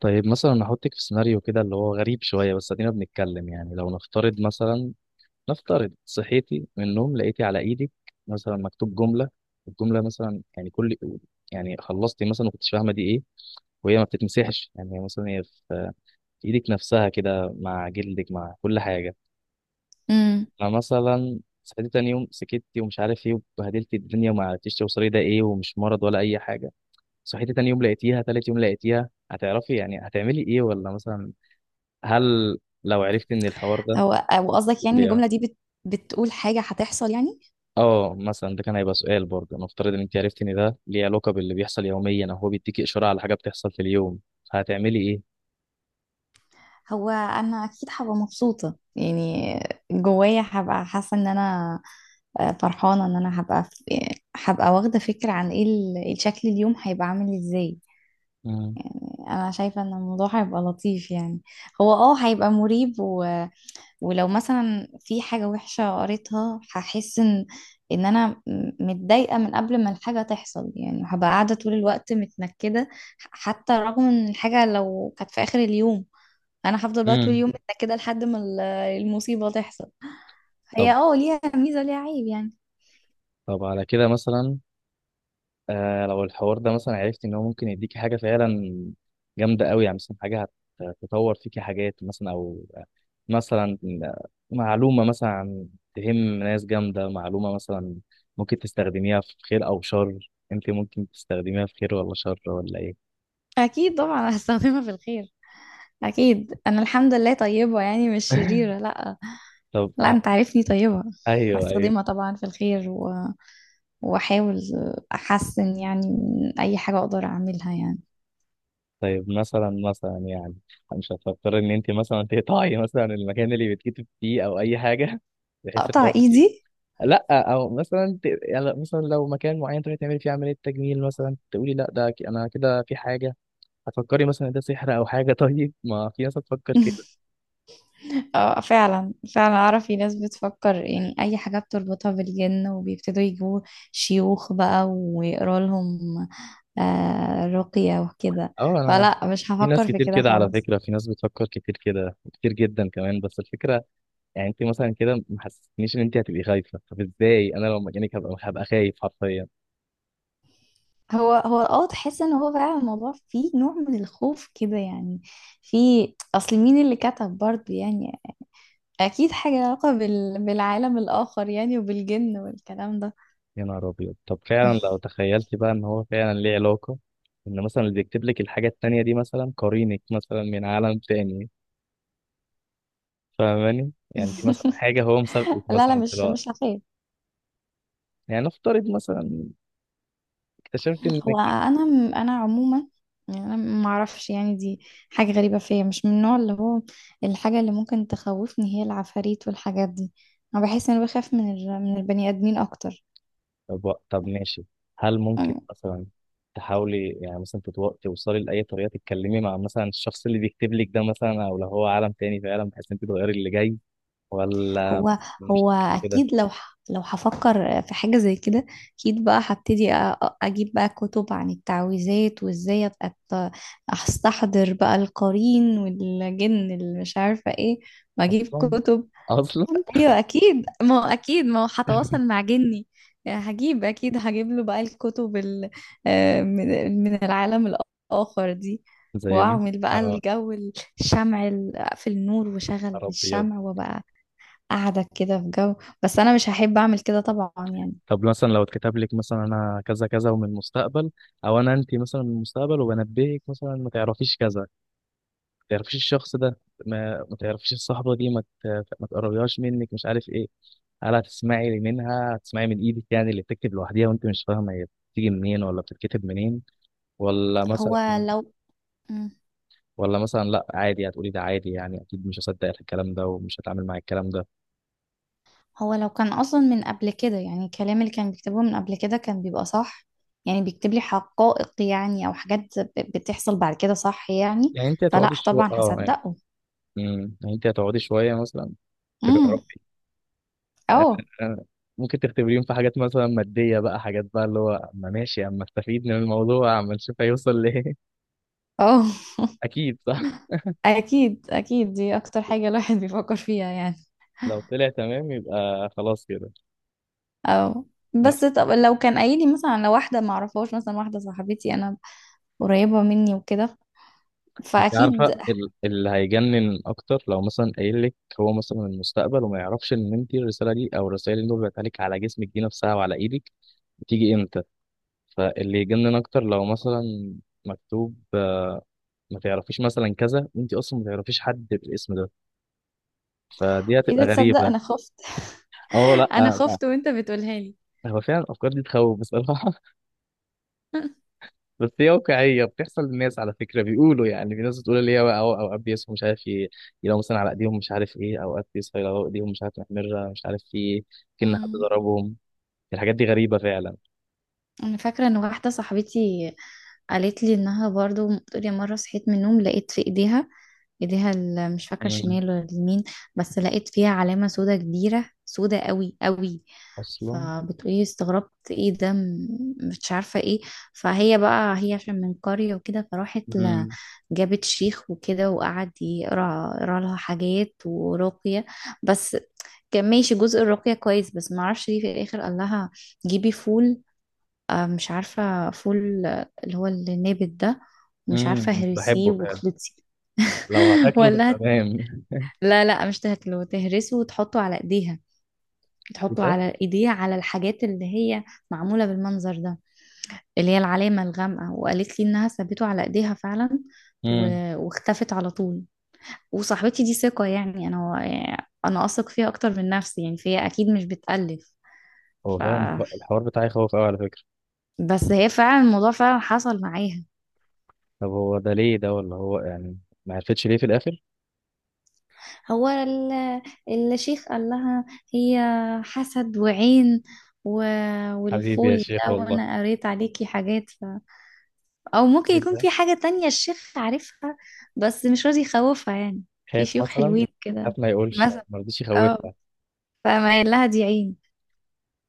طيب، مثلا نحطك في سيناريو كده اللي هو غريب شوية. بس ادينا بنتكلم، يعني لو نفترض صحيتي من النوم لقيتي على ايدك مثلا مكتوب جملة. الجملة مثلا يعني كل، يعني خلصتي مثلا ما كنتش فاهمة دي ايه، وهي ما بتتمسحش. يعني هي مثلا هي في ايدك نفسها كده، مع جلدك مع كل حاجة. امم فمثلا صحيتي تاني يوم سكتي ومش عارف ايه، وبهدلتي الدنيا وما عرفتيش توصلي ده ايه، ومش مرض ولا اي حاجة. صحيتي تاني يوم لقيتيها، تالت يوم لقيتيها، هتعرفي يعني هتعملي ايه؟ ولا مثلا هل لو عرفت ان الحوار ده هو قصدك يعني إن ليه؟ الجملة دي بتقول حاجة هتحصل يعني؟ اه مثلا ده كان هيبقى سؤال برضه. نفترض ان انت عرفت ان ده ليه علاقه باللي بيحصل يوميا، او هو بيديكي اشاره على حاجه بتحصل في اليوم، هتعملي ايه؟ هو أنا أكيد هبقى مبسوطة يعني، جوايا هبقى حاسة إن أنا فرحانة إن أنا هبقى واخدة فكرة عن إيه الشكل اليوم هيبقى عامل إزاي. امم. أنا شايفة إن الموضوع هيبقى لطيف يعني، هو هيبقى مريب. ولو مثلا في حاجة وحشة قريتها هحس ان انا متضايقة من قبل ما الحاجة تحصل، يعني هبقى قاعدة طول الوقت متنكدة. حتى رغم ان الحاجة لو كانت في اخر اليوم، انا هفضل بقى طول امم. اليوم متنكدة لحد ما المصيبة تحصل. طب. هي ليها ميزة ليها عيب يعني. طب على كده مثلا، آه، لو الحوار ده مثلا عرفت ان هو ممكن يديكي حاجه فعلا جامده قوي، يعني مثلا حاجه هتطور فيكي حاجات مثلا، او مثلا معلومه مثلا تهم ناس جامده، معلومه مثلا ممكن تستخدميها في خير او شر، انت ممكن تستخدميها في خير ولا شر ولا ايه؟ اكيد طبعا هستخدمها في الخير. اكيد انا الحمد لله طيبة يعني، مش شريرة، لا. طب لا، انت عارفني طيبة. ايوه، ايوه. هستخدمها طبعا في الخير واحاول احسن يعني من اي حاجة اقدر اعملها يعني. طيب مثلا يعني مش هتفكر ان انت مثلا تقطعي مثلا المكان اللي بتكتب فيه او اي حاجه، بحيث ان اقطع هو؟ ايدي؟ لا، او مثلا يعني مثلا لو مكان معين تروحي تعملي فيه عمليه تجميل مثلا، تقولي لا ده انا كده في حاجه، هتفكري مثلا إن ده سحر او حاجه. طيب، ما في ناس هتفكر كده. اه، فعلا فعلا اعرف في ناس بتفكر، يعني اي حاجة بتربطها بالجن وبيبتدوا يجيبوا شيوخ بقى ويقروا لهم رقية وكده. اه، انا فلا مش في ناس هفكر في كتير كده كده على خالص. فكره، في ناس بتفكر كتير كده، كتير جدا كمان، بس الفكره يعني انت مثلا كده ما حسستنيش ان انت هتبقي خايفه. طب ازاي؟ انا لو مكانك هبقى خايف حرفيا. هو تحس ان هو فعلا الموضوع فيه نوع من الخوف كده يعني. في، اصل مين اللي كتب برضه يعني؟ اكيد حاجة لها علاقة بالعالم الاخر يعني، وبالجن والكلام ده. يا نهار ابيض، طب فعلا لو تخيلتي بقى ان هو فعلا ليه علاقه، ان مثلا اللي بيكتب لك الحاجه التانيه دي مثلا قرينك مثلا من عالم تاني، فاهماني؟ يعني دي مثلا حاجة هو مسابقة لا لا، مثلا في مش الوقت. مش هخاف. يعني نفترض مثلا اكتشفت انك. هو انا عموما، يعني انا ما اعرفش يعني، دي حاجه غريبه فيا، مش من النوع اللي هو. الحاجه اللي ممكن تخوفني هي العفاريت والحاجات دي. انا بحس ان انا بخاف من من البني ادمين اكتر. طب، طب ماشي. هل ممكن أم، مثلا تحاولي يعني مثلا توصلي لأي طريقة تتكلمي مع مثلا الشخص اللي بيكتب لك ده مثلا، أو لو هو عالم تاني فعلا، بحيث انت تغيري اللي جاي؟ ولا هو مثلا مش هو هتحبي كده؟ اكيد لو هفكر في حاجه زي كده، اكيد بقى هبتدي اجيب بقى كتب عن التعويذات، وازاي ابقى استحضر بقى القرين والجن اللي مش عارفه ايه، واجيب أصلا كتب. أصلا ايوه اكيد، ما هو هتواصل مع جني يعني. هجيب له بقى الكتب من العالم الاخر دي. زي ما واعمل بقى أنا الجو، الشمع في النور، وشغل أبيض. الشمع، وبقى قاعده كده في جو. بس انا مش هحب اعمل كده طبعا يعني. طب مثلا لو اتكتب لك مثلا أنا كذا كذا ومن المستقبل، أو أنا أنت مثلا من المستقبل وبنبهك مثلا ما تعرفيش كذا، تعرفيش الشخص ده، ما تعرفيش الصحبة دي، ما، ما تقربيهاش منك، مش عارف ايه. هل هتسمعي منها، هتسمعي من ايدك يعني اللي بتكتب لوحديها وانت مش فاهمة هي بتيجي منين ولا بتتكتب منين؟ ولا مثلا، هو لو ولا مثلا لا عادي، هتقولي ده عادي يعني، اكيد مش هصدق الكلام ده ومش هتعامل مع الكلام ده. هو لو كان اصلا من قبل كده، يعني الكلام اللي كان بيكتبه من قبل كده كان بيبقى صح، يعني بيكتب لي حقائق يعني، او حاجات بتحصل بعد كده صح يعني. يعني انت فلا هتقعدي شوية طبعا اه يعني. هصدقه. مم. يعني انت هتقعدي شوية مثلا امم، تجربي. اه. ممكن تختبريهم في حاجات مثلا مادية بقى، حاجات بقى، اللي هو اما ماشي اما استفيد من الموضوع اما نشوف هيوصل ليه. اه. اكيد. اكيد اكيد، دي اكتر حاجة الواحد بيفكر فيها يعني. لو طلع تمام يبقى خلاص كده. اه، نفس. بس طب لو كان قايل لي مثلا على واحدة ما اعرفهاش، مثلا واحدة صاحبتي انا قريبة مني وكده، انت عارفه فاكيد. ال-، اللي هيجنن اكتر لو مثلا قايل لك هو مثلا المستقبل وما يعرفش ان انت الرساله دي او الرسائل اللي وقعت عليك على جسمك دي نفسها وعلى ايدك بتيجي امتى. فاللي يجنن اكتر لو مثلا مكتوب آه، ما تعرفيش مثلا كذا وانت اصلا ما تعرفيش حد بالاسم ده، فدي هتبقى اذا تصدق غريبه. انا خفت. اه، لا، انا آه. خفت وانت بتقولها لي. هو فعلا الافكار دي تخوف بصراحه، بس هي واقعية بتحصل للناس على فكرة، بيقولوا يعني في ناس بتقول اللي هي بقى أوقات بيصحوا مش عارف يلاقوا مثلا على إيديهم مش عارف إيه، أوقات بيصحوا يلاقوا إيديهم مش عارف محمرة مش عارف في إيه، كأن حد ضربهم. الحاجات دي غريبة فعلا. انا فاكره ان واحده صاحبتي قالت لي انها برضو بتقول، يا مره صحيت من النوم لقيت في ايديها مش فاكره مم. الشمال ولا اليمين. بس لقيت فيها علامه سودا كبيره، سودا قوي قوي. أصلا. فبتقولي استغربت ايه ده، مش عارفه ايه. فهي بقى هي عشان من قريه وكده، فراحت مم. جابت شيخ وكده، وقعد يقرا يقرا لها حاجات ورقيه. بس كان ماشي جزء الرقيه كويس، بس ما اعرفش ليه في الاخر قال لها جيبي فول. مش عارفة فول، اللي هو النابت ده. ومش مم. عارفة هرسيه بحبه فعلا. واخلطي. لو هتاكله ولا هت... تمام. لا لا، مش تهرسه وتحطه على ايديها. إيه تحطه ده؟ على ايديها، على الحاجات اللي هي معمولة بالمنظر ده، اللي هي العلامة الغامقة. وقالت لي انها سابته على ايديها فعلا و... مم. واختفت على طول. وصاحبتي دي ثقة يعني، انا اثق فيها اكتر من نفسي يعني، فهي اكيد مش بتألف. هو ف... فعلا الحوار بتاعي خوف أوي على فكرة. بس هي فعلا الموضوع فعلا حصل معاها. طب هو ده ليه ده؟ ولا هو يعني ما عرفتش ليه في الآخر. هو الشيخ قال لها هي حسد وعين، و... حبيبي يا والفول شيخ، ده والله. وانا قريت عليكي حاجات. او ممكن إيه يكون ده؟ في حاجة تانية الشيخ عارفها بس مش راضي يخوفها يعني. في خايف شيوخ مثلا، حلوين كده خاف ما يقولش، مثلا. ما رضيش اه، يخوفها. فما قال لها دي عين.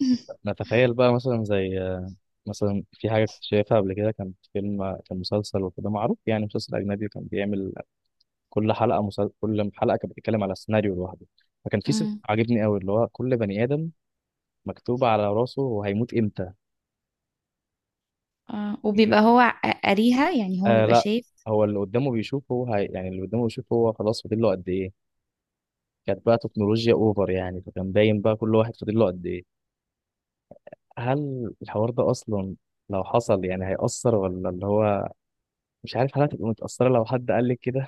نتخيل بقى مثلا زي آه، مثلا في حاجة كنت شايفها قبل كده، كان فيلم كان مسلسل وكده معروف، يعني مسلسل أجنبي كان بيعمل كل حلقة مسل... كل حلقة كانت بتتكلم على سيناريو لوحده. فكان في سيناريو امم عاجبني قوي اللي هو كل بني آدم مكتوب على راسه هو هيموت إمتى. آه. وبيبقى هو قاريها يعني، هو آه بيبقى لا، شايف. هو اللي قدامه بيشوفه، هو هي... يعني اللي قدامه بيشوفه هو خلاص فاضل له قد إيه. كانت بقى تكنولوجيا أوفر يعني، فكان باين بقى كل واحد فاضل له قد إيه. هل الحوار ده أصلا لو حصل يعني هيأثر، ولا اللي هو مش عارف، هل هتبقى متأثرة لو حد قال لك كده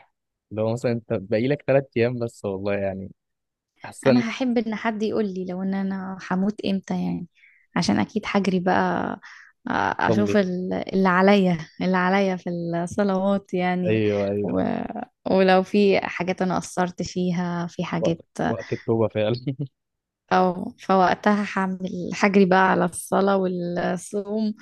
لو مثلا انت باقي لك 3 ايام بس؟ والله يعني احسن. انا هحب ان حد يقول لي لو ان انا هموت امتى يعني، عشان اكيد هجري بقى تصلي. اشوف اللي عليا في الصلوات يعني. ايوه، ايوه، و... ايوه. ولو في حاجات انا قصرت فيها، في وقت، حاجات، وقت التوبة فعلا. او فوقتها هعمل هجري بقى على الصلاة والصوم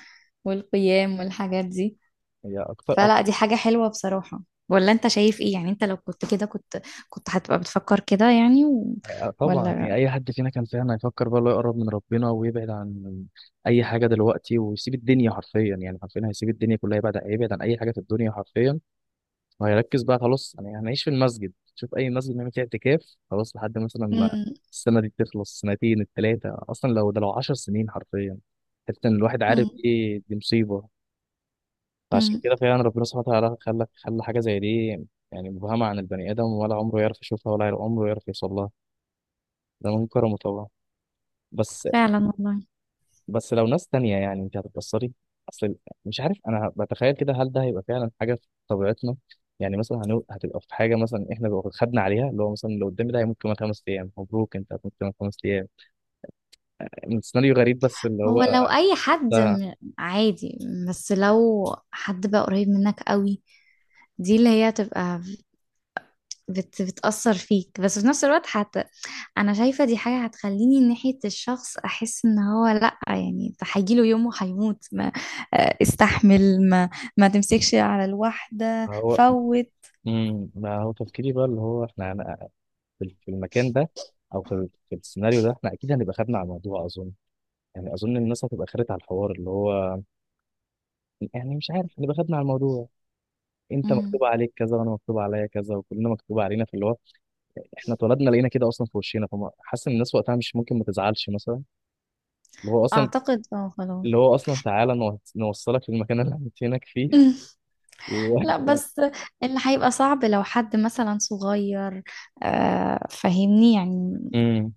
والقيام والحاجات دي. هي اكتر فلا أكتر. دي حاجة حلوة بصراحة. ولا انت شايف ايه يعني؟ انت لو كنت كده، كنت هتبقى بتفكر كده يعني طبعا، هي ولا؟ اي حد فينا كان فعلا هيفكر بقى اللي هو يقرب من ربنا ويبعد عن اي حاجة دلوقتي، ويسيب الدنيا حرفيا. يعني حرفيا هيسيب الدنيا كلها، يبعد هيبعد عن اي حاجة في الدنيا حرفيا. وهيركز بقى خلاص، يعني هنعيش في المسجد، شوف اي مسجد نعمل فيه اعتكاف، خلاص لحد مثلا ما السنه دي تخلص، سنتين، التلاته، اصلا لو ده لو 10 سنين حرفيا. حتى ان الواحد عارف مم. ايه دي مصيبه. فعشان امم كده فعلا ربنا سبحانه وتعالى خلى حاجه زي دي يعني مبهمه عن البني ادم، ولا عمره يعرف يشوفها ولا عمره يعرف يوصل لها. ده من كرمه طبعا. بس فعلا والله. بس لو ناس تانية يعني انت هتتأثري. اصل مش عارف، انا بتخيل كده هل ده هيبقى فعلا حاجة في طبيعتنا. يعني مثلا هنو...، هتبقى في حاجة مثلا احنا لو خدنا عليها اللي هو مثلا لو قدامي ده هيموت كمان 5 ايام، مبروك انت هتموت كمان 5 ايام. من سيناريو غريب بس اللي هو هو لو اي حد ده عادي. بس لو حد بقى قريب منك قوي، دي اللي هي تبقى بتأثر فيك. بس في نفس الوقت حتى، انا شايفة دي حاجة هتخليني ناحية الشخص احس ان هو لا، يعني ده هيجيله يوم وهيموت، ما استحمل. ما تمسكش على الواحدة هو. فوت. امم. ما هو تفكيري بقى اللي هو احنا هن...، في المكان ده او في ال-، في السيناريو ده، احنا اكيد هنبقى خدنا على الموضوع اظن. يعني اظن الناس هتبقى خدت على الحوار اللي هو يعني مش عارف، هنبقى خدنا على الموضوع. انت امم مكتوب عليك كذا وانا مكتوب عليا كذا، وكلنا مكتوب علينا في اللي هو احنا اتولدنا لقينا كده اصلا في وشنا. فحاسس ان الناس وقتها مش ممكن ما تزعلش مثلا، اللي هو اصلا، اعتقد خلاص. اللي هو اصلا تعالى نوصلك للمكان اللي هنتينك فيه. أمم. و-. لا بس اللي هيبقى صعب لو حد مثلا صغير، فاهمني يعني. امم.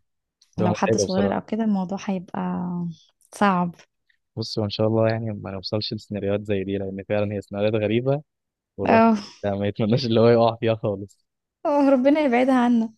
تبقى لو حد متعبه صغير او بصراحه. كده الموضوع هيبقى صعب. بص، هو ان شاء الله يعني ما نوصلش لسيناريوهات زي دي، لان فعلا هي سيناريوهات غريبه، والواحد اه، ما يتمناش اللي هو يقع فيها خالص. ربنا يبعدها عنا.